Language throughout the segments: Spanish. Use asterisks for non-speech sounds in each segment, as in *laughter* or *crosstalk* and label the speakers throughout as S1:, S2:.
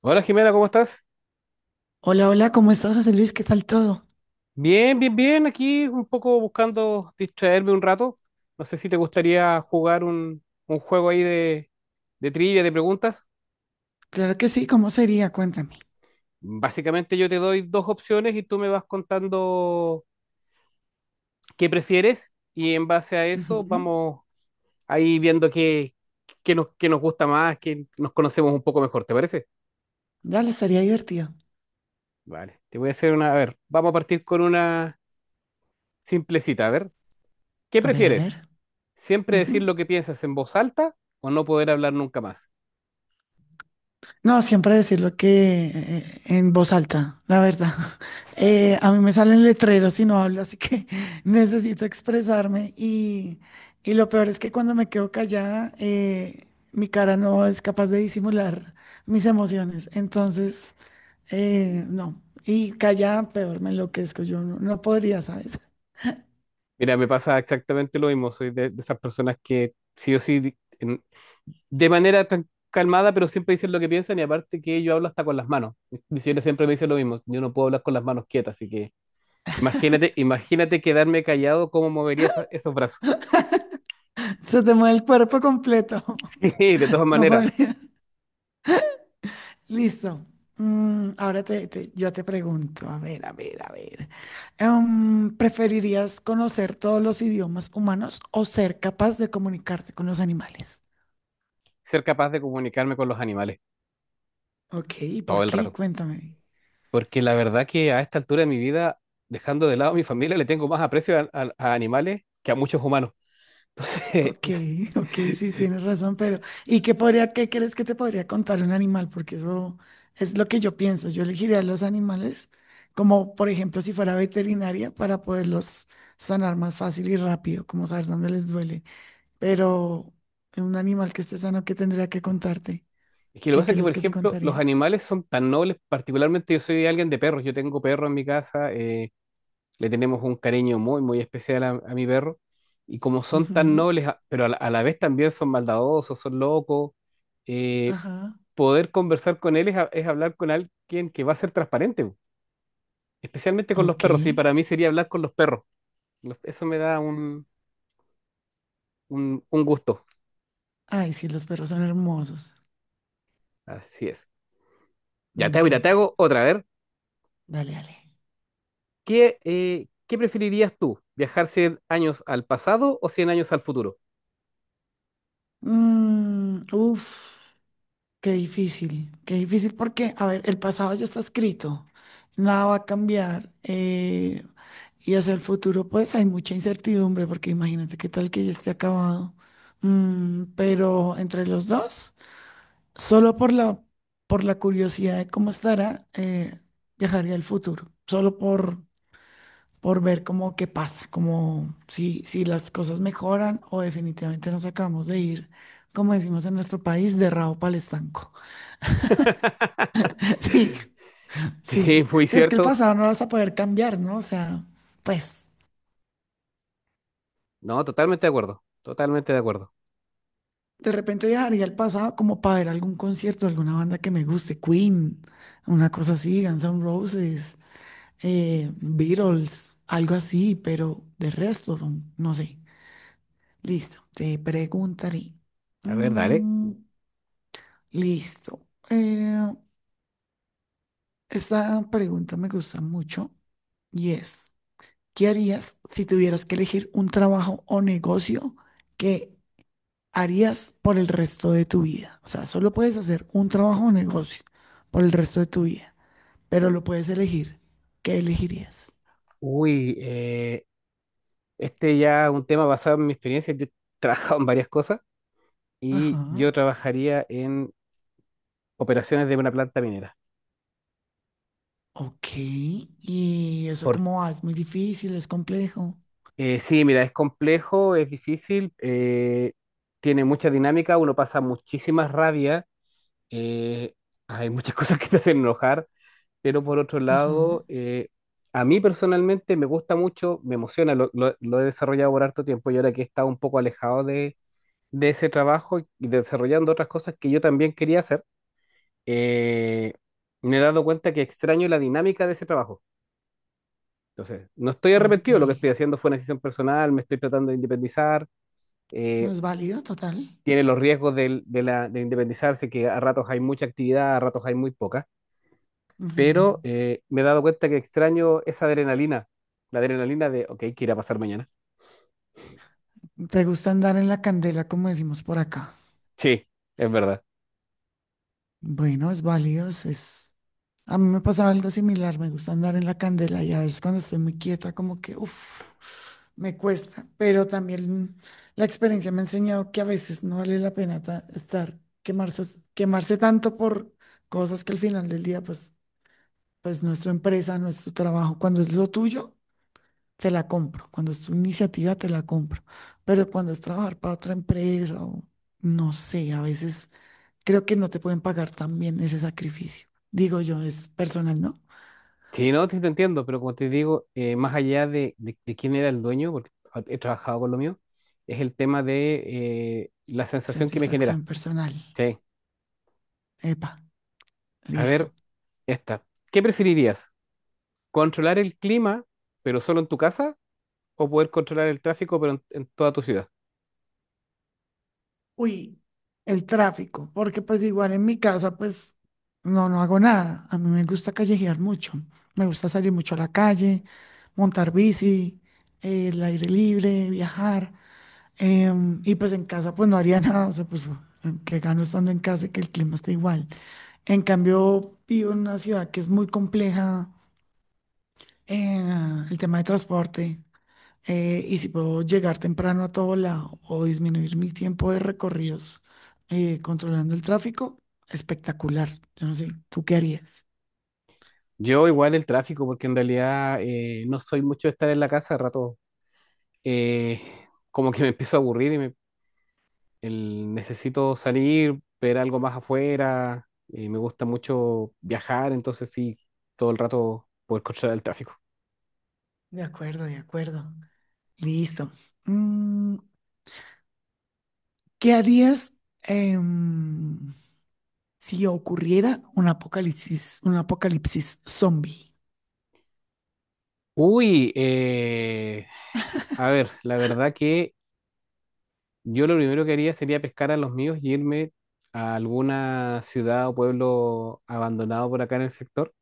S1: Hola Jimena, ¿cómo estás?
S2: Hola, hola, ¿cómo estás, José Luis? ¿Qué tal todo?
S1: Bien, bien, bien. Aquí un poco buscando distraerme un rato. No sé si te gustaría jugar un juego ahí de trivia, de preguntas.
S2: Claro que sí, ¿cómo sería? Cuéntame.
S1: Básicamente yo te doy dos opciones y tú me vas contando qué prefieres y en base a eso
S2: Ujú.
S1: vamos ahí viendo qué nos gusta más, qué nos conocemos un poco mejor, ¿te parece?
S2: Dale, estaría divertido.
S1: Vale, te voy a hacer a ver, vamos a partir con una simplecita. A ver, ¿qué
S2: A ver, a ver.
S1: prefieres? ¿Siempre
S2: Ujú.
S1: decir lo que piensas en voz alta o no poder hablar nunca más?
S2: No, siempre decir lo que en voz alta, la verdad. *laughs* A mí me salen letreros y no hablo, así que *laughs* necesito expresarme. Y lo peor es que cuando me quedo callada, mi cara no es capaz de disimular mis emociones. Entonces, no. Y callada, peor, me enloquezco. Yo no, No podría, ¿sabes?
S1: Mira, me pasa exactamente lo mismo. Soy de esas personas que sí o sí, de manera tan calmada, pero siempre dicen lo que piensan, y aparte que yo hablo hasta con las manos. Mi señora siempre me dice lo mismo. Yo no puedo hablar con las manos quietas, así que imagínate, imagínate quedarme callado, cómo movería esos brazos. *laughs*
S2: Se te mueve el cuerpo completo.
S1: Sí, de todas
S2: *laughs* No
S1: maneras,
S2: podría. Listo. Ahora yo te pregunto, a ver, a ver, a ver. ¿Preferirías conocer todos los idiomas humanos o ser capaz de comunicarte con los animales?
S1: ser capaz de comunicarme con los animales
S2: Ok, ¿y
S1: todo
S2: por
S1: el
S2: qué?
S1: rato.
S2: Cuéntame.
S1: Porque la verdad que a esta altura de mi vida, dejando de lado a mi familia, le tengo más aprecio a animales que a muchos humanos. Entonces,
S2: Ok, ok, sí, tienes razón, pero ¿qué crees que te podría contar un animal? Porque eso es lo que yo pienso. Yo elegiría a los animales como, por ejemplo, si fuera veterinaria para poderlos sanar más fácil y rápido, como saber dónde les duele. Pero un animal que esté sano, ¿qué tendría que contarte?
S1: *laughs* es que lo que
S2: ¿Qué
S1: pasa es que,
S2: crees
S1: por
S2: que te
S1: ejemplo, los
S2: contaría?
S1: animales son tan nobles. Particularmente, yo soy alguien de perros, yo tengo perro en mi casa, le tenemos un cariño muy, muy especial a mi perro, y como son tan
S2: Ujú.
S1: nobles, pero a la vez también son maldadosos, son locos. eh,
S2: Ajá.
S1: Poder conversar con él es, es hablar con alguien que va a ser transparente, especialmente con los
S2: Ok.
S1: perros, y para mí sería hablar con los perros. Eso me da un gusto.
S2: Ay, sí, los perros son hermosos.
S1: Así es.
S2: Me
S1: Mira, te
S2: encantan.
S1: hago otra, a ver.
S2: Dale, dale.
S1: ¿Qué preferirías tú? ¿Viajar 100 años al pasado o 100 años al futuro?
S2: Mm, uf. Qué difícil porque, a ver, el pasado ya está escrito, nada va a cambiar. Y hacia el futuro, pues hay mucha incertidumbre porque imagínate qué tal que ya esté acabado. Mm, pero entre los dos, solo por la, por la curiosidad de cómo estará, viajaría al futuro, por ver cómo qué pasa, como si las cosas mejoran o definitivamente nos acabamos de ir, como decimos en nuestro país, de rabo para el estanco. *laughs* Sí.
S1: *laughs* Sí,
S2: Sí,
S1: muy
S2: sí, es que el
S1: cierto.
S2: pasado no lo vas a poder cambiar, ¿no? O sea, pues
S1: No, totalmente de acuerdo. Totalmente de acuerdo.
S2: de repente viajaría al pasado como para ver algún concierto, de alguna banda que me guste, Queen, una cosa así, Guns N' Roses, Beatles, algo así, pero de resto, no sé. Listo, te preguntaré.
S1: A ver, dale.
S2: Mm, listo. Esta pregunta me gusta mucho y es, ¿qué harías si tuvieras que elegir un trabajo o negocio que harías por el resto de tu vida? O sea, solo puedes hacer un trabajo o negocio por el resto de tu vida, pero lo puedes elegir. ¿Qué elegirías?
S1: Uy, este ya es un tema basado en mi experiencia. Yo he trabajado en varias cosas
S2: Ajá.
S1: y yo trabajaría en operaciones de una planta minera.
S2: Ok. ¿Y eso
S1: Por,
S2: cómo va? Es muy difícil, es complejo.
S1: sí, mira, es complejo, es difícil. Tiene mucha dinámica, uno pasa muchísimas rabias. eh, Hay muchas *laughs* cosas que te hacen enojar, pero por otro
S2: Ajá.
S1: lado, a mí personalmente me gusta mucho, me emociona, lo he desarrollado por harto tiempo, y ahora que he estado un poco alejado de ese trabajo y desarrollando otras cosas que yo también quería hacer, eh, me he dado cuenta que extraño la dinámica de ese trabajo. Entonces, no estoy
S2: Ok.
S1: arrepentido, lo que estoy haciendo fue una decisión personal, me estoy tratando de independizar.
S2: No
S1: eh,
S2: es válido, total.
S1: Tiene los riesgos de independizarse, que a ratos hay mucha actividad, a ratos hay muy poca,
S2: Ujú.
S1: pero me he dado cuenta que extraño esa adrenalina, la adrenalina ok, ¿qué irá a pasar mañana?
S2: ¿Te gusta andar en la candela, como decimos por acá?
S1: Sí, es verdad.
S2: Bueno, es válido, es. A mí me pasaba algo similar, me gusta andar en la candela y a veces cuando estoy muy quieta como que, uff, me cuesta, pero también la experiencia me ha enseñado que a veces no vale la pena estar quemarse, quemarse tanto por cosas que al final del día, pues, pues no es tu empresa, no es tu trabajo. Cuando es lo tuyo, te la compro. Cuando es tu iniciativa, te la compro. Pero cuando es trabajar para otra empresa o no sé, a veces creo que no te pueden pagar tan bien ese sacrificio. Digo yo, es personal, ¿no?
S1: Sí, no, sí te entiendo, pero como te digo, más allá de, de quién era el dueño, porque he trabajado con lo mío, es el tema de la sensación que me genera.
S2: Satisfacción personal.
S1: Sí.
S2: Epa,
S1: A
S2: listo.
S1: ver, esta. ¿Qué preferirías? ¿Controlar el clima, pero solo en tu casa? ¿O poder controlar el tráfico, pero en toda tu ciudad?
S2: Uy, el tráfico, porque pues igual en mi casa pues no hago nada. A mí me gusta callejear mucho. Me gusta salir mucho a la calle, montar bici, el aire libre, viajar. Y pues en casa pues no haría *laughs* nada. O sea, pues que gano estando en casa y que el clima esté igual. En cambio, vivo en una ciudad que es muy compleja, el tema de transporte. Y si puedo llegar temprano a todo lado o disminuir mi tiempo de recorridos controlando el tráfico, espectacular. Yo no sé, ¿tú qué harías?
S1: Yo igual el tráfico, porque en realidad, no soy mucho de estar en la casa rato. eh, Como que me empiezo a aburrir y necesito salir, ver algo más afuera. Me gusta mucho viajar, entonces sí, todo el rato poder controlar el tráfico.
S2: De acuerdo, de acuerdo. Listo. Mm, ¿qué harías em, si ocurriera un apocalipsis zombie?
S1: Uy, a ver, la verdad que yo lo primero que haría sería pescar a los míos y irme a alguna ciudad o pueblo abandonado por acá en el sector.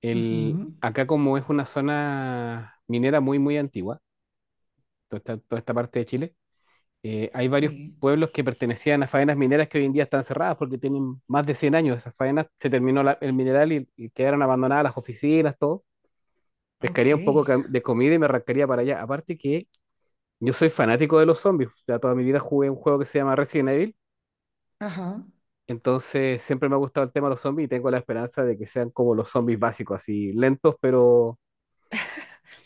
S2: Ujú.
S1: Acá, como es una zona minera muy, muy antigua, toda esta parte de Chile, hay varios
S2: Sí,
S1: pueblos que pertenecían a faenas mineras que hoy en día están cerradas porque tienen más de 100 años esas faenas. Se terminó el mineral, y quedaron abandonadas las oficinas, todo. Pescaría
S2: ok.
S1: un poco de comida y me arrancaría para allá. Aparte que yo soy fanático de los zombies. Ya toda mi vida jugué un juego que se llama Resident Evil.
S2: Ajá.
S1: Entonces siempre me ha gustado el tema de los zombies y tengo la esperanza de que sean como los zombies básicos, así lentos, pero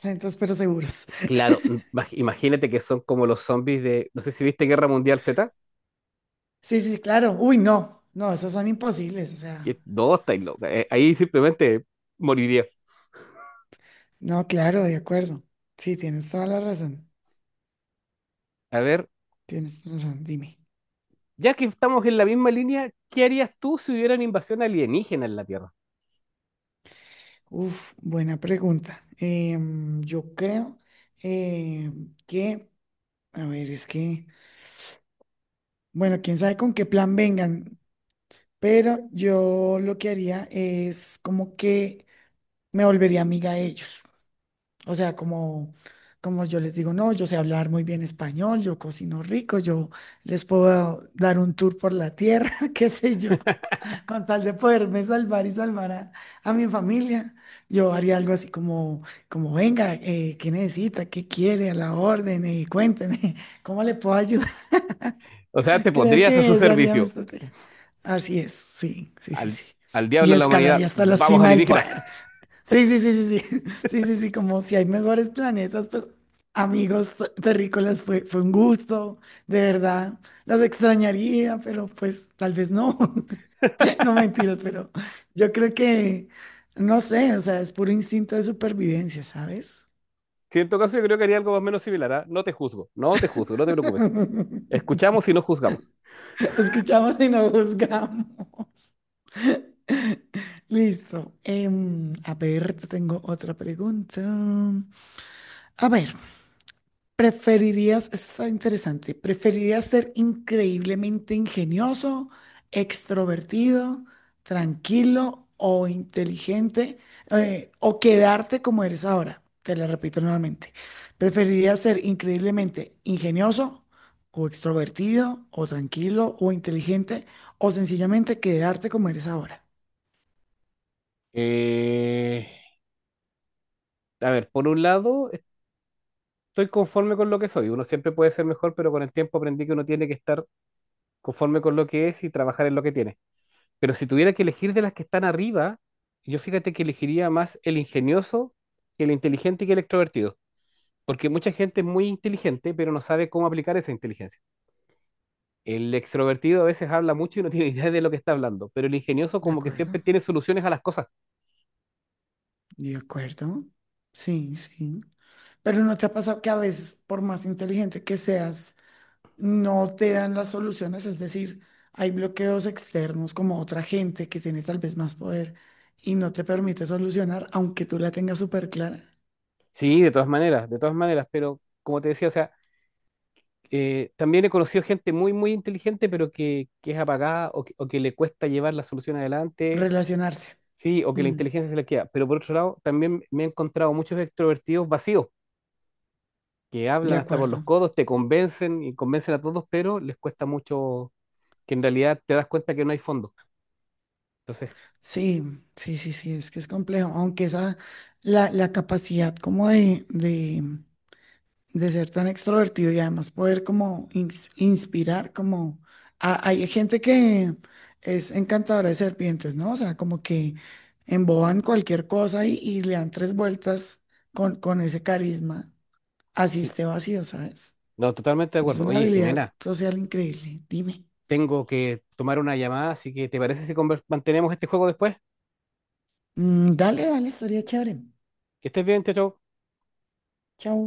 S2: Lentos pero seguros.
S1: claro,
S2: *laughs*
S1: imagínate que son como los zombies no sé si viste Guerra Mundial Z,
S2: Sí, sí, claro. Uy, no, no, esos son imposibles. O sea.
S1: que no, estáis loca. Ahí simplemente moriría.
S2: No, claro, de acuerdo. Sí, tienes toda la razón.
S1: A ver,
S2: Tienes toda la razón, dime.
S1: ya que estamos en la misma línea, ¿qué harías tú si hubiera una invasión alienígena en la Tierra?
S2: Uf, buena pregunta. Yo creo eh, que, a ver, es que, bueno, quién sabe con qué plan vengan, pero yo lo que haría es como que me volvería amiga de ellos. O sea, como, como yo les digo, no, yo sé hablar muy bien español, yo cocino rico, yo les puedo dar un tour por la tierra, *laughs* qué sé yo. Con tal de poderme salvar y salvar a mi familia, yo haría algo así como, como venga, ¿qué necesita? ¿Qué quiere? A la orden, cuénteme, *laughs* ¿cómo le puedo ayudar?
S1: O sea, te
S2: *laughs* Creo
S1: pondrías a su
S2: que esa haría mi
S1: servicio.
S2: estrategia. Así es, sí, sí, sí,
S1: Al,
S2: sí.
S1: al diablo
S2: Y
S1: de la
S2: escalaría
S1: humanidad,
S2: hasta la
S1: vamos
S2: cima del
S1: alienígena. *laughs*
S2: poder. Sí, sí, sí, sí, sí, *laughs* sí, sí, sí, como si hay mejores planetas, pues amigos terrícolas, fue un gusto, de verdad, las extrañaría, pero pues tal vez no. *laughs* *laughs* No mentiras, pero yo creo que, no sé, o sea, es puro instinto de supervivencia, ¿sabes?
S1: Sí, en todo caso, yo creo que haría algo más o menos similar. ¿Ah? No te juzgo, no te juzgo, no te preocupes.
S2: *laughs*
S1: Escuchamos y no juzgamos.
S2: Escuchamos y no juzgamos. Listo. A ver, te tengo otra pregunta. A ver, ¿preferirías, eso está interesante, preferirías ser increíblemente ingenioso, extrovertido, tranquilo o inteligente o quedarte como eres ahora? Te lo repito nuevamente. ¿Preferirías ser increíblemente ingenioso o extrovertido o tranquilo o inteligente o sencillamente quedarte como eres ahora?
S1: Eh, a ver, por un lado, estoy conforme con lo que soy. Uno siempre puede ser mejor, pero con el tiempo aprendí que uno tiene que estar conforme con lo que es y trabajar en lo que tiene. Pero si tuviera que elegir de las que están arriba, yo, fíjate, que elegiría más el ingenioso que el inteligente y que el extrovertido. Porque mucha gente es muy inteligente, pero no sabe cómo aplicar esa inteligencia. El extrovertido a veces habla mucho y no *laughs* tiene idea de lo que está hablando, pero el ingenioso,
S2: De
S1: como que
S2: acuerdo,
S1: siempre tiene soluciones a las cosas.
S2: de acuerdo. Sí, sí. Pero ¿no te ha pasado que a veces, por más inteligente que seas, no te dan las soluciones, es decir, hay bloqueos externos como otra gente que tiene tal vez más poder y no te permite solucionar, aunque tú la tengas súper clara,
S1: Sí, de todas maneras, pero como te decía, o sea, también he conocido gente muy, muy inteligente, pero que es apagada, o que le cuesta llevar la solución adelante.
S2: relacionarse.
S1: Sí, o que la
S2: Mm,
S1: inteligencia se les queda. Pero por otro lado, también me he encontrado muchos extrovertidos vacíos, que
S2: de
S1: hablan hasta por los
S2: acuerdo.
S1: codos, te convencen y convencen a todos, pero les cuesta mucho, que en realidad te das cuenta que no hay fondo. Entonces,
S2: Sí, sí, sí, sí, es que es complejo, aunque esa, la capacidad como de ser tan extrovertido y además poder como inspirar, como hay gente que es encantadora de serpientes, ¿no? O sea, como que emboban cualquier cosa y le dan tres vueltas con ese carisma, así
S1: sí,
S2: esté vacío, ¿sabes?
S1: no, totalmente de
S2: Es
S1: acuerdo.
S2: una
S1: Oye,
S2: habilidad
S1: Jimena,
S2: social increíble. Dime.
S1: tengo que tomar una llamada, así que ¿te parece si mantenemos este juego después?
S2: Mm, dale, dale, estaría chévere.
S1: Que estés bien. Chao, chao.
S2: Chao.